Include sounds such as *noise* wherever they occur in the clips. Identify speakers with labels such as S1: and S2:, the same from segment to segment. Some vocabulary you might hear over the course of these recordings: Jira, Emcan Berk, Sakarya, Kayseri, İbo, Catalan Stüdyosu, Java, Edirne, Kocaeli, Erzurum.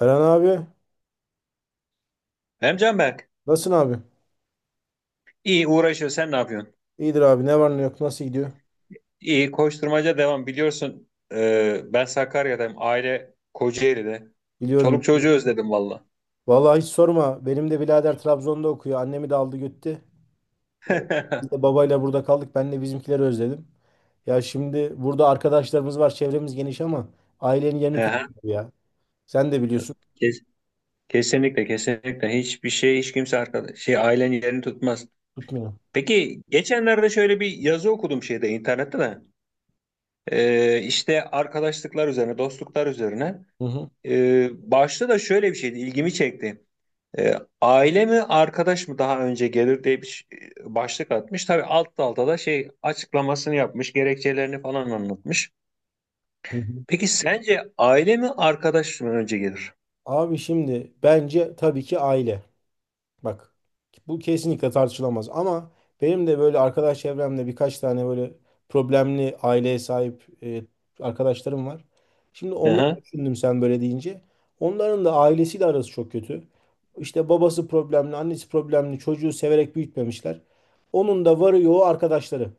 S1: Eren abi,
S2: Emcan Berk,
S1: nasılsın abi?
S2: iyi uğraşıyor. Sen ne yapıyorsun?
S1: İyidir abi, ne var ne yok, nasıl gidiyor?
S2: İyi koşturmaca devam. Biliyorsun ben Sakarya'dayım. Aile Kocaeli'de.
S1: Biliyorum,
S2: Çoluk
S1: biliyorum.
S2: çocuğu özledim valla.
S1: Vallahi hiç sorma, benim de birader Trabzon'da okuyor, annemi de aldı gitti.
S2: *laughs*
S1: Ee,
S2: Hı
S1: Biz de babayla burada kaldık, ben de bizimkileri özledim. Ya şimdi burada arkadaşlarımız var, çevremiz geniş ama ailenin yerini
S2: hı.
S1: tutmuyor ya. Sen de biliyorsun,
S2: Kes- Kesinlikle kesinlikle hiçbir şey hiç kimse arkadaş ailenin yerini tutmaz.
S1: tutmuyor.
S2: Peki geçenlerde şöyle bir yazı okudum internette de. İşte arkadaşlıklar üzerine, dostluklar üzerine.
S1: Hı hı.
S2: Başta da şöyle bir şeydi, ilgimi çekti. E, aile mi arkadaş mı daha önce gelir diye bir başlık atmış. Tabii alt dalda da açıklamasını yapmış, gerekçelerini falan anlatmış.
S1: Hı hı.
S2: Peki sence aile mi arkadaş mı önce gelir?
S1: Abi şimdi bence tabii ki aile. Bak, bu kesinlikle tartışılamaz ama benim de böyle arkadaş çevremde birkaç tane böyle problemli aileye sahip arkadaşlarım var. Şimdi onları
S2: Aha,
S1: düşündüm sen böyle deyince. Onların da ailesiyle arası çok kötü. İşte babası problemli, annesi problemli, çocuğu severek büyütmemişler. Onun da varı yoğu arkadaşları.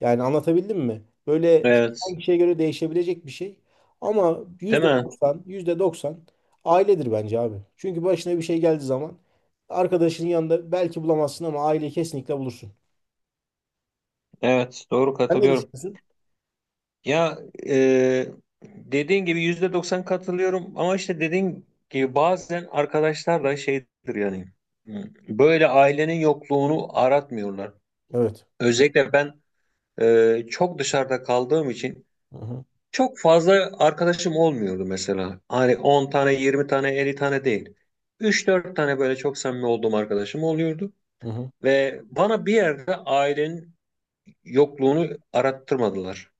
S1: Yani anlatabildim mi? Böyle
S2: evet.
S1: kişiden kişiye göre değişebilecek bir şey. Ama
S2: Değil
S1: yüzde
S2: mi?
S1: doksan, yüzde doksan ailedir bence abi. Çünkü başına bir şey geldiği zaman arkadaşının yanında belki bulamazsın ama aileyi kesinlikle bulursun.
S2: Evet, doğru,
S1: Sen ne
S2: katılıyorum.
S1: düşünüyorsun?
S2: Ya, e, dediğin gibi yüzde doksan katılıyorum, ama işte dediğin gibi bazen arkadaşlar da şeydir yani. Böyle ailenin yokluğunu aratmıyorlar.
S1: Evet.
S2: Özellikle ben, çok dışarıda kaldığım için,
S1: Hı hı,
S2: çok fazla arkadaşım olmuyordu mesela. Hani 10 tane, 20 tane, 50 tane değil. Üç dört tane böyle çok samimi olduğum arkadaşım oluyordu.
S1: hı hı.
S2: Ve bana bir yerde ailenin yokluğunu arattırmadılar.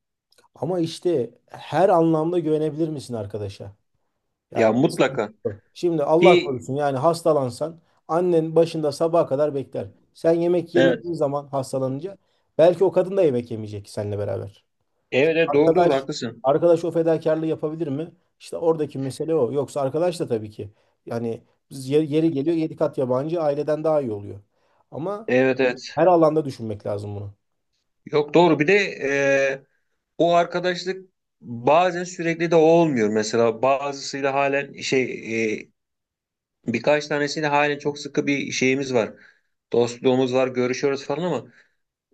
S1: Ama işte her anlamda güvenebilir misin arkadaşa? Yani
S2: Ya, mutlaka.
S1: şimdi Allah
S2: Ki
S1: korusun yani hastalansan annen başında sabaha kadar bekler. Sen yemek
S2: evet,
S1: yemediğin zaman hastalanınca belki o kadın da yemek yemeyecek seninle beraber.
S2: evet evet, doğru doğru
S1: Arkadaş
S2: haklısın.
S1: arkadaş o fedakarlığı yapabilir mi? İşte oradaki mesele o. Yoksa arkadaş da tabii ki yani biz yeri geliyor yedi kat yabancı aileden daha iyi oluyor. Ama
S2: Evet evet.
S1: her alanda düşünmek lazım bunu.
S2: Yok doğru, bir de e, o arkadaşlık bazen sürekli de olmuyor. Mesela bazısıyla halen. Birkaç tanesiyle halen çok sıkı bir şeyimiz var. Dostluğumuz var, görüşüyoruz falan, ama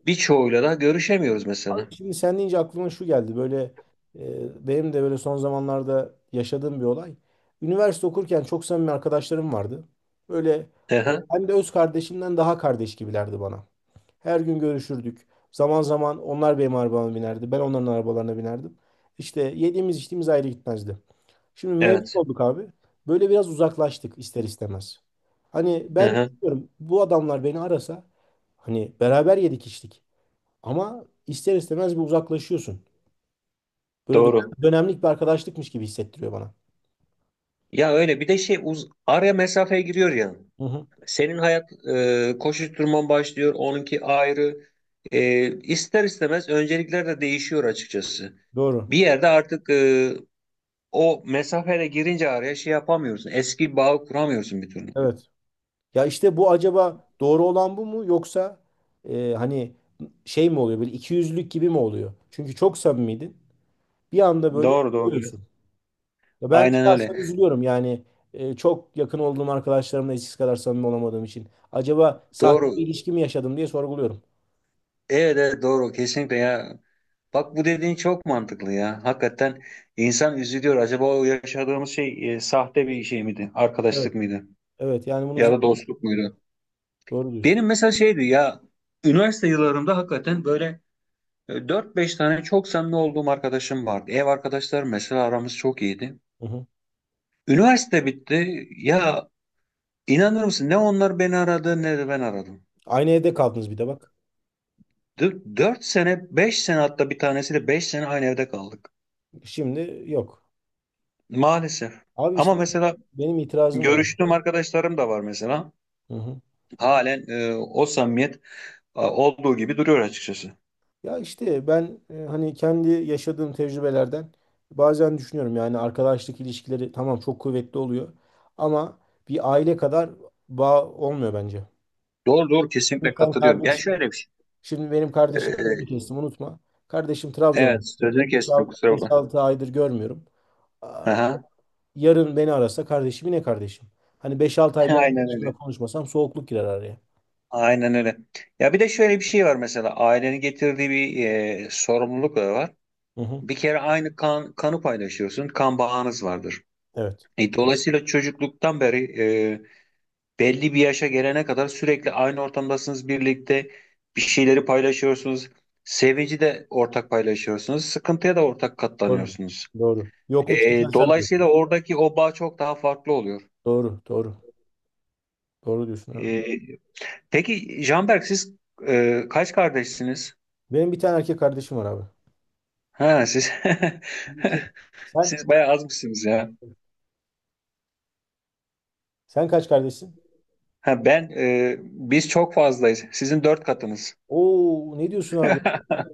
S2: birçoğuyla da görüşemiyoruz
S1: Abi
S2: mesela.
S1: şimdi sen deyince aklıma şu geldi. Böyle benim de böyle son zamanlarda yaşadığım bir olay. Üniversite okurken çok samimi arkadaşlarım vardı. Böyle
S2: Aha,
S1: hem de öz kardeşimden daha kardeş gibilerdi bana. Her gün görüşürdük. Zaman zaman onlar benim arabama binerdi. Ben onların arabalarına binerdim. İşte yediğimiz içtiğimiz ayrı gitmezdi. Şimdi mezun
S2: evet.
S1: olduk abi. Böyle biraz uzaklaştık ister istemez. Hani ben
S2: Aha,
S1: diyorum bu adamlar beni arasa hani beraber yedik içtik. Ama ister istemez bir uzaklaşıyorsun. Böyle
S2: doğru.
S1: dönemlik bir arkadaşlıkmış gibi hissettiriyor bana.
S2: Ya öyle, bir de şey uz araya mesafeye giriyor ya.
S1: Hı hı.
S2: Senin hayat koşuşturman başlıyor, onunki ayrı. E, ister istemez öncelikler de değişiyor açıkçası.
S1: Doğru.
S2: Bir yerde artık o mesafeye girince araya yapamıyorsun. Eski bağı kuramıyorsun bir türlü.
S1: Evet. Ya işte bu acaba doğru olan bu mu yoksa hani şey mi oluyor, böyle ikiyüzlülük gibi mi oluyor? Çünkü çok samimiydin. Bir anda böyle
S2: Doğru doğru. Evet.
S1: koyuyorsun. Ya ben
S2: Aynen
S1: şahsen
S2: öyle.
S1: üzülüyorum yani çok yakın olduğum arkadaşlarımla eskisi kadar samimi olamadığım için. Acaba sahte
S2: Doğru.
S1: bir ilişki mi yaşadım diye sorguluyorum.
S2: Evet, evet, doğru, kesinlikle ya. Bak, bu dediğin çok mantıklı ya. Hakikaten insan üzülüyor. Acaba o yaşadığımız şey, sahte bir şey miydi?
S1: Evet.
S2: Arkadaşlık mıydı?
S1: Evet yani
S2: Ya da dostluk muydu?
S1: doğru diyorsun.
S2: Benim mesela şeydi ya, üniversite yıllarımda hakikaten böyle 4-5 tane çok samimi olduğum arkadaşım vardı. Ev arkadaşlarım, mesela aramız çok iyiydi.
S1: Hı hı.
S2: Üniversite bitti. Ya, inanır mısın, ne onlar beni aradı ne de ben aradım.
S1: Aynı evde kaldınız bir de bak.
S2: 4 sene, 5 sene, hatta bir tanesiyle 5 sene aynı evde kaldık.
S1: Şimdi yok.
S2: Maalesef.
S1: Abi
S2: Ama
S1: işte
S2: mesela
S1: benim itirazım var.
S2: görüştüğüm arkadaşlarım da var mesela.
S1: Hı hı.
S2: Halen o samimiyet olduğu gibi duruyor açıkçası.
S1: Ya işte ben hani kendi yaşadığım tecrübelerden bazen düşünüyorum yani arkadaşlık ilişkileri tamam çok kuvvetli oluyor ama bir aile kadar bağ olmuyor bence.
S2: Doğru doğru,
S1: Şimdi
S2: kesinlikle
S1: sen
S2: katılıyorum. Ya,
S1: kardeşim,
S2: şöyle bir şey.
S1: şimdi benim kardeşim sözünü
S2: E,
S1: kestim unutma. Kardeşim Trabzon'a
S2: evet
S1: gitti.
S2: sözünü kestim, kusura bakma.
S1: 5-6 aydır görmüyorum. Aa,
S2: Aha.
S1: Yarın beni arasa kardeşim yine kardeşim. Hani beş altı
S2: *laughs*
S1: ay bir
S2: Aynen
S1: arkadaşımla
S2: öyle.
S1: konuşmasam soğukluk girer araya.
S2: Aynen öyle. Ya, bir de şöyle bir şey var mesela, ailenin getirdiği bir sorumluluk da var.
S1: Hı hı.
S2: Bir kere aynı kanı paylaşıyorsun. Kan bağınız vardır.
S1: Evet.
S2: Dolayısıyla çocukluktan beri, belli bir yaşa gelene kadar sürekli aynı ortamdasınız, birlikte bir şeyleri paylaşıyorsunuz. Sevinci de ortak paylaşıyorsunuz. Sıkıntıya da ortak
S1: Doğru.
S2: katlanıyorsunuz.
S1: Doğru. Yokluk
S2: E,
S1: çekersen de.
S2: dolayısıyla oradaki o bağ çok daha farklı oluyor.
S1: Doğru. Doğru. Doğru diyorsun abi.
S2: E, peki, Canberk, siz kaç kardeşsiniz?
S1: Benim bir tane erkek kardeşim var abi.
S2: Ha, siz...
S1: İki.
S2: *laughs*
S1: Sen?
S2: Siz bayağı azmışsınız ya.
S1: Sen kaç kardeşsin?
S2: Ha, ben, biz çok fazlayız. Sizin 4 katınız.
S1: Oo ne diyorsun abi?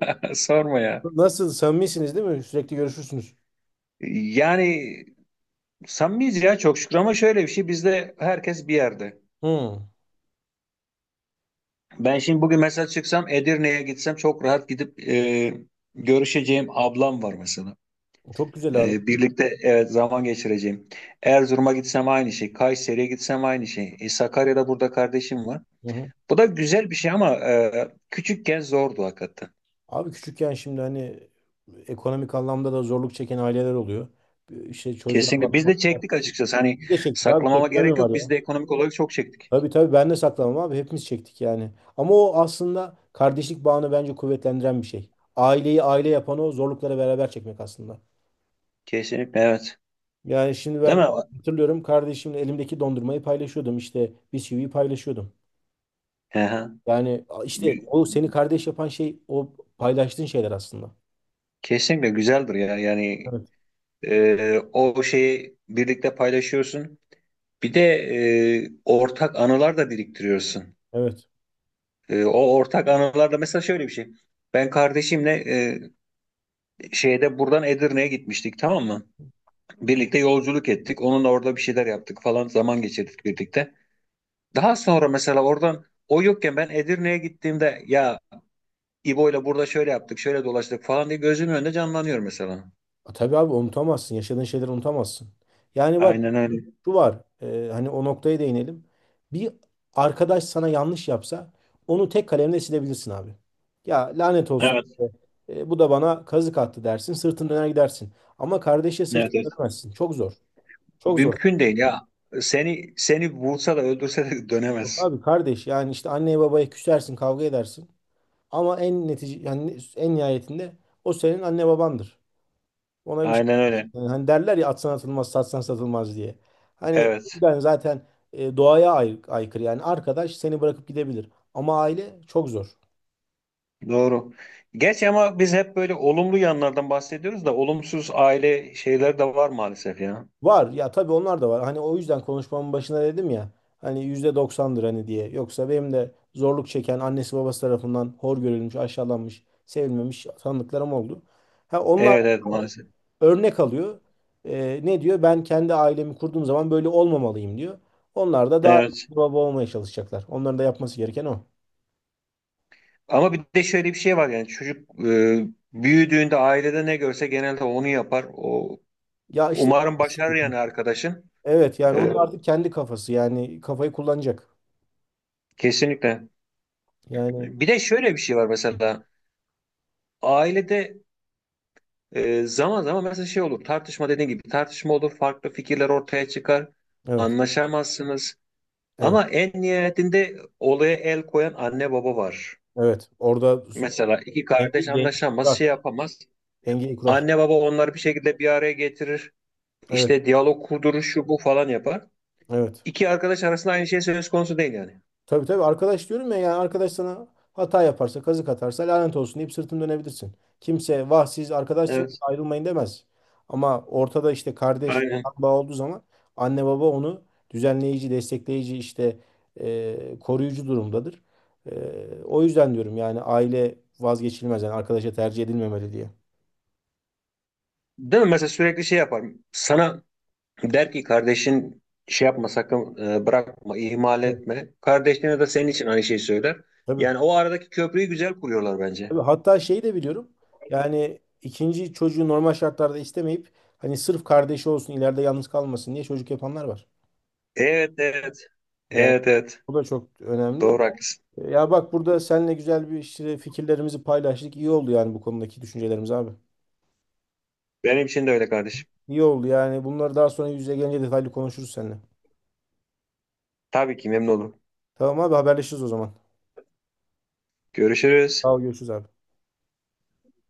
S2: *laughs* Sorma ya.
S1: Nasıl samimisiniz değil mi? Sürekli görüşürsünüz.
S2: Yani, samimiyiz ya, çok şükür, ama şöyle bir şey, bizde herkes bir yerde.
S1: Hı.
S2: Ben şimdi bugün mesela çıksam Edirne'ye gitsem, çok rahat gidip görüşeceğim ablam var mesela.
S1: Çok güzel abi.
S2: Birlikte, evet, zaman geçireceğim. Erzurum'a gitsem aynı şey. Kayseri'ye gitsem aynı şey. Sakarya'da burada kardeşim var.
S1: Hı hı.
S2: Bu da güzel bir şey, ama küçükken zordu hakikaten.
S1: Abi küçükken şimdi hani ekonomik anlamda da zorluk çeken aileler oluyor. İşte çocuğa
S2: Kesinlikle. Biz
S1: bakmak.
S2: de çektik açıkçası. Hani
S1: Bir de çektik abi,
S2: saklamama
S1: çekten mi
S2: gerek
S1: var
S2: yok,
S1: ya?
S2: biz de ekonomik olarak çok çektik.
S1: Tabii tabii ben de saklamam abi, hepimiz çektik yani. Ama o aslında kardeşlik bağını bence kuvvetlendiren bir şey. Aileyi aile yapan o zorlukları beraber çekmek aslında.
S2: Kesinlikle, evet.
S1: Yani şimdi
S2: Değil
S1: ben
S2: mi?
S1: hatırlıyorum, kardeşimle elimdeki dondurmayı paylaşıyordum işte bisküviyi paylaşıyordum.
S2: Hı hı.
S1: Yani işte o seni kardeş yapan şey o paylaştığın şeyler aslında.
S2: Kesinlikle güzeldir ya. Yani,
S1: Evet.
S2: O şeyi birlikte paylaşıyorsun. Bir de ortak anılar da biriktiriyorsun.
S1: Evet.
S2: O ortak anılar da mesela şöyle bir şey. Ben kardeşimle, e, şeyde buradan Edirne'ye gitmiştik, tamam mı? Birlikte yolculuk ettik. Onunla orada bir şeyler yaptık falan, zaman geçirdik birlikte. Daha sonra mesela oradan, o yokken ben Edirne'ye gittiğimde, ya, İbo'yla burada şöyle yaptık, şöyle dolaştık falan diye gözümün önünde canlanıyor mesela.
S1: A, tabii abi unutamazsın. Yaşadığın şeyleri unutamazsın. Yani bak
S2: Aynen öyle.
S1: şu var. Hani o noktaya değinelim. Bir arkadaş sana yanlış yapsa onu tek kalemle silebilirsin abi. Ya lanet olsun,
S2: Evet,
S1: bu da bana kazık attı dersin. Sırtını döner gidersin. Ama kardeşe sırtını
S2: evet.
S1: dönemezsin. Çok zor. Çok zor.
S2: Mümkün değil ya. Seni vursa da öldürse de *laughs*
S1: Yok
S2: dönemez.
S1: abi kardeş yani işte anneye babaya küsersin kavga edersin ama en netice yani en nihayetinde o senin anne babandır. Ona bir şey
S2: Aynen
S1: yapamazsın.
S2: öyle.
S1: Yani hani derler ya atsan atılmaz satsan satılmaz diye. Hani bu
S2: Evet.
S1: yüzden zaten doğaya aykırı, yani arkadaş seni bırakıp gidebilir ama aile çok zor.
S2: Doğru. Geç, ama biz hep böyle olumlu yanlardan bahsediyoruz da olumsuz aile şeyler de var maalesef ya.
S1: Var ya tabii, onlar da var, hani o yüzden konuşmamın başına dedim ya hani yüzde doksandır hani diye. Yoksa benim de zorluk çeken annesi babası tarafından hor görülmüş aşağılanmış sevilmemiş tanıdıklarım oldu. Ha, onlar
S2: Evet evet, maalesef.
S1: örnek alıyor. Ne diyor? Ben kendi ailemi kurduğum zaman böyle olmamalıyım diyor. Onlar da daha
S2: Evet.
S1: iyi bir baba olmaya çalışacaklar. Onların da yapması gereken o.
S2: Ama bir de şöyle bir şey var, yani çocuk büyüdüğünde ailede ne görse genelde onu yapar. O
S1: Ya işte o-
S2: umarım başarır yani arkadaşın.
S1: evet, yani o
S2: E,
S1: da artık kendi kafası, yani kafayı kullanacak.
S2: kesinlikle.
S1: Yani
S2: Bir de şöyle bir şey var mesela, ailede zaman zaman mesela şey olur, tartışma, dediğin gibi tartışma olur, farklı fikirler ortaya çıkar,
S1: evet
S2: anlaşamazsınız,
S1: evet
S2: ama en nihayetinde olaya el koyan anne baba var.
S1: evet, orada
S2: Mesela iki
S1: dengeyi
S2: kardeş
S1: dengeyi
S2: anlaşamaz,
S1: kurar.
S2: şey yapamaz,
S1: Dengeyi kurar.
S2: anne baba onları bir şekilde bir araya getirir,
S1: Evet
S2: işte diyalog kurdurur, şu bu falan yapar.
S1: evet.
S2: İki arkadaş arasında aynı şey söz konusu değil yani.
S1: Tabii tabii arkadaş diyorum ya, yani arkadaş sana hata yaparsa kazık atarsa lanet olsun deyip sırtını dönebilirsin. Kimse vah siz arkadaşsınız
S2: Evet,
S1: ayrılmayın demez. Ama ortada işte kardeş kan
S2: aynen.
S1: bağı olduğu zaman anne baba onu düzenleyici, destekleyici, işte koruyucu durumdadır. E, o yüzden diyorum yani aile vazgeçilmez yani arkadaşa tercih edilmemeli diye.
S2: Değil mi? Mesela sürekli şey yapar. Sana der ki, kardeşin şey yapma sakın, bırakma, ihmal
S1: Evet.
S2: etme. Kardeşine de senin için aynı şeyi söyler.
S1: Tabii.
S2: Yani o aradaki köprüyü güzel kuruyorlar bence.
S1: Tabii. Hatta şeyi de biliyorum. Yani ikinci çocuğu normal şartlarda istemeyip hani sırf kardeşi olsun ileride yalnız kalmasın diye çocuk yapanlar var.
S2: Evet evet
S1: Yani
S2: evet evet,
S1: bu da çok önemli.
S2: doğru, haklısın.
S1: Ya bak, burada seninle güzel bir işte fikirlerimizi paylaştık. İyi oldu yani bu konudaki düşüncelerimiz abi.
S2: Benim için de öyle, kardeşim.
S1: İyi oldu yani. Bunları daha sonra yüz yüze gelince detaylı konuşuruz seninle.
S2: Tabii ki memnun olurum.
S1: Tamam abi, haberleşiriz o zaman.
S2: Görüşürüz.
S1: Sağ ol, görüşürüz abi.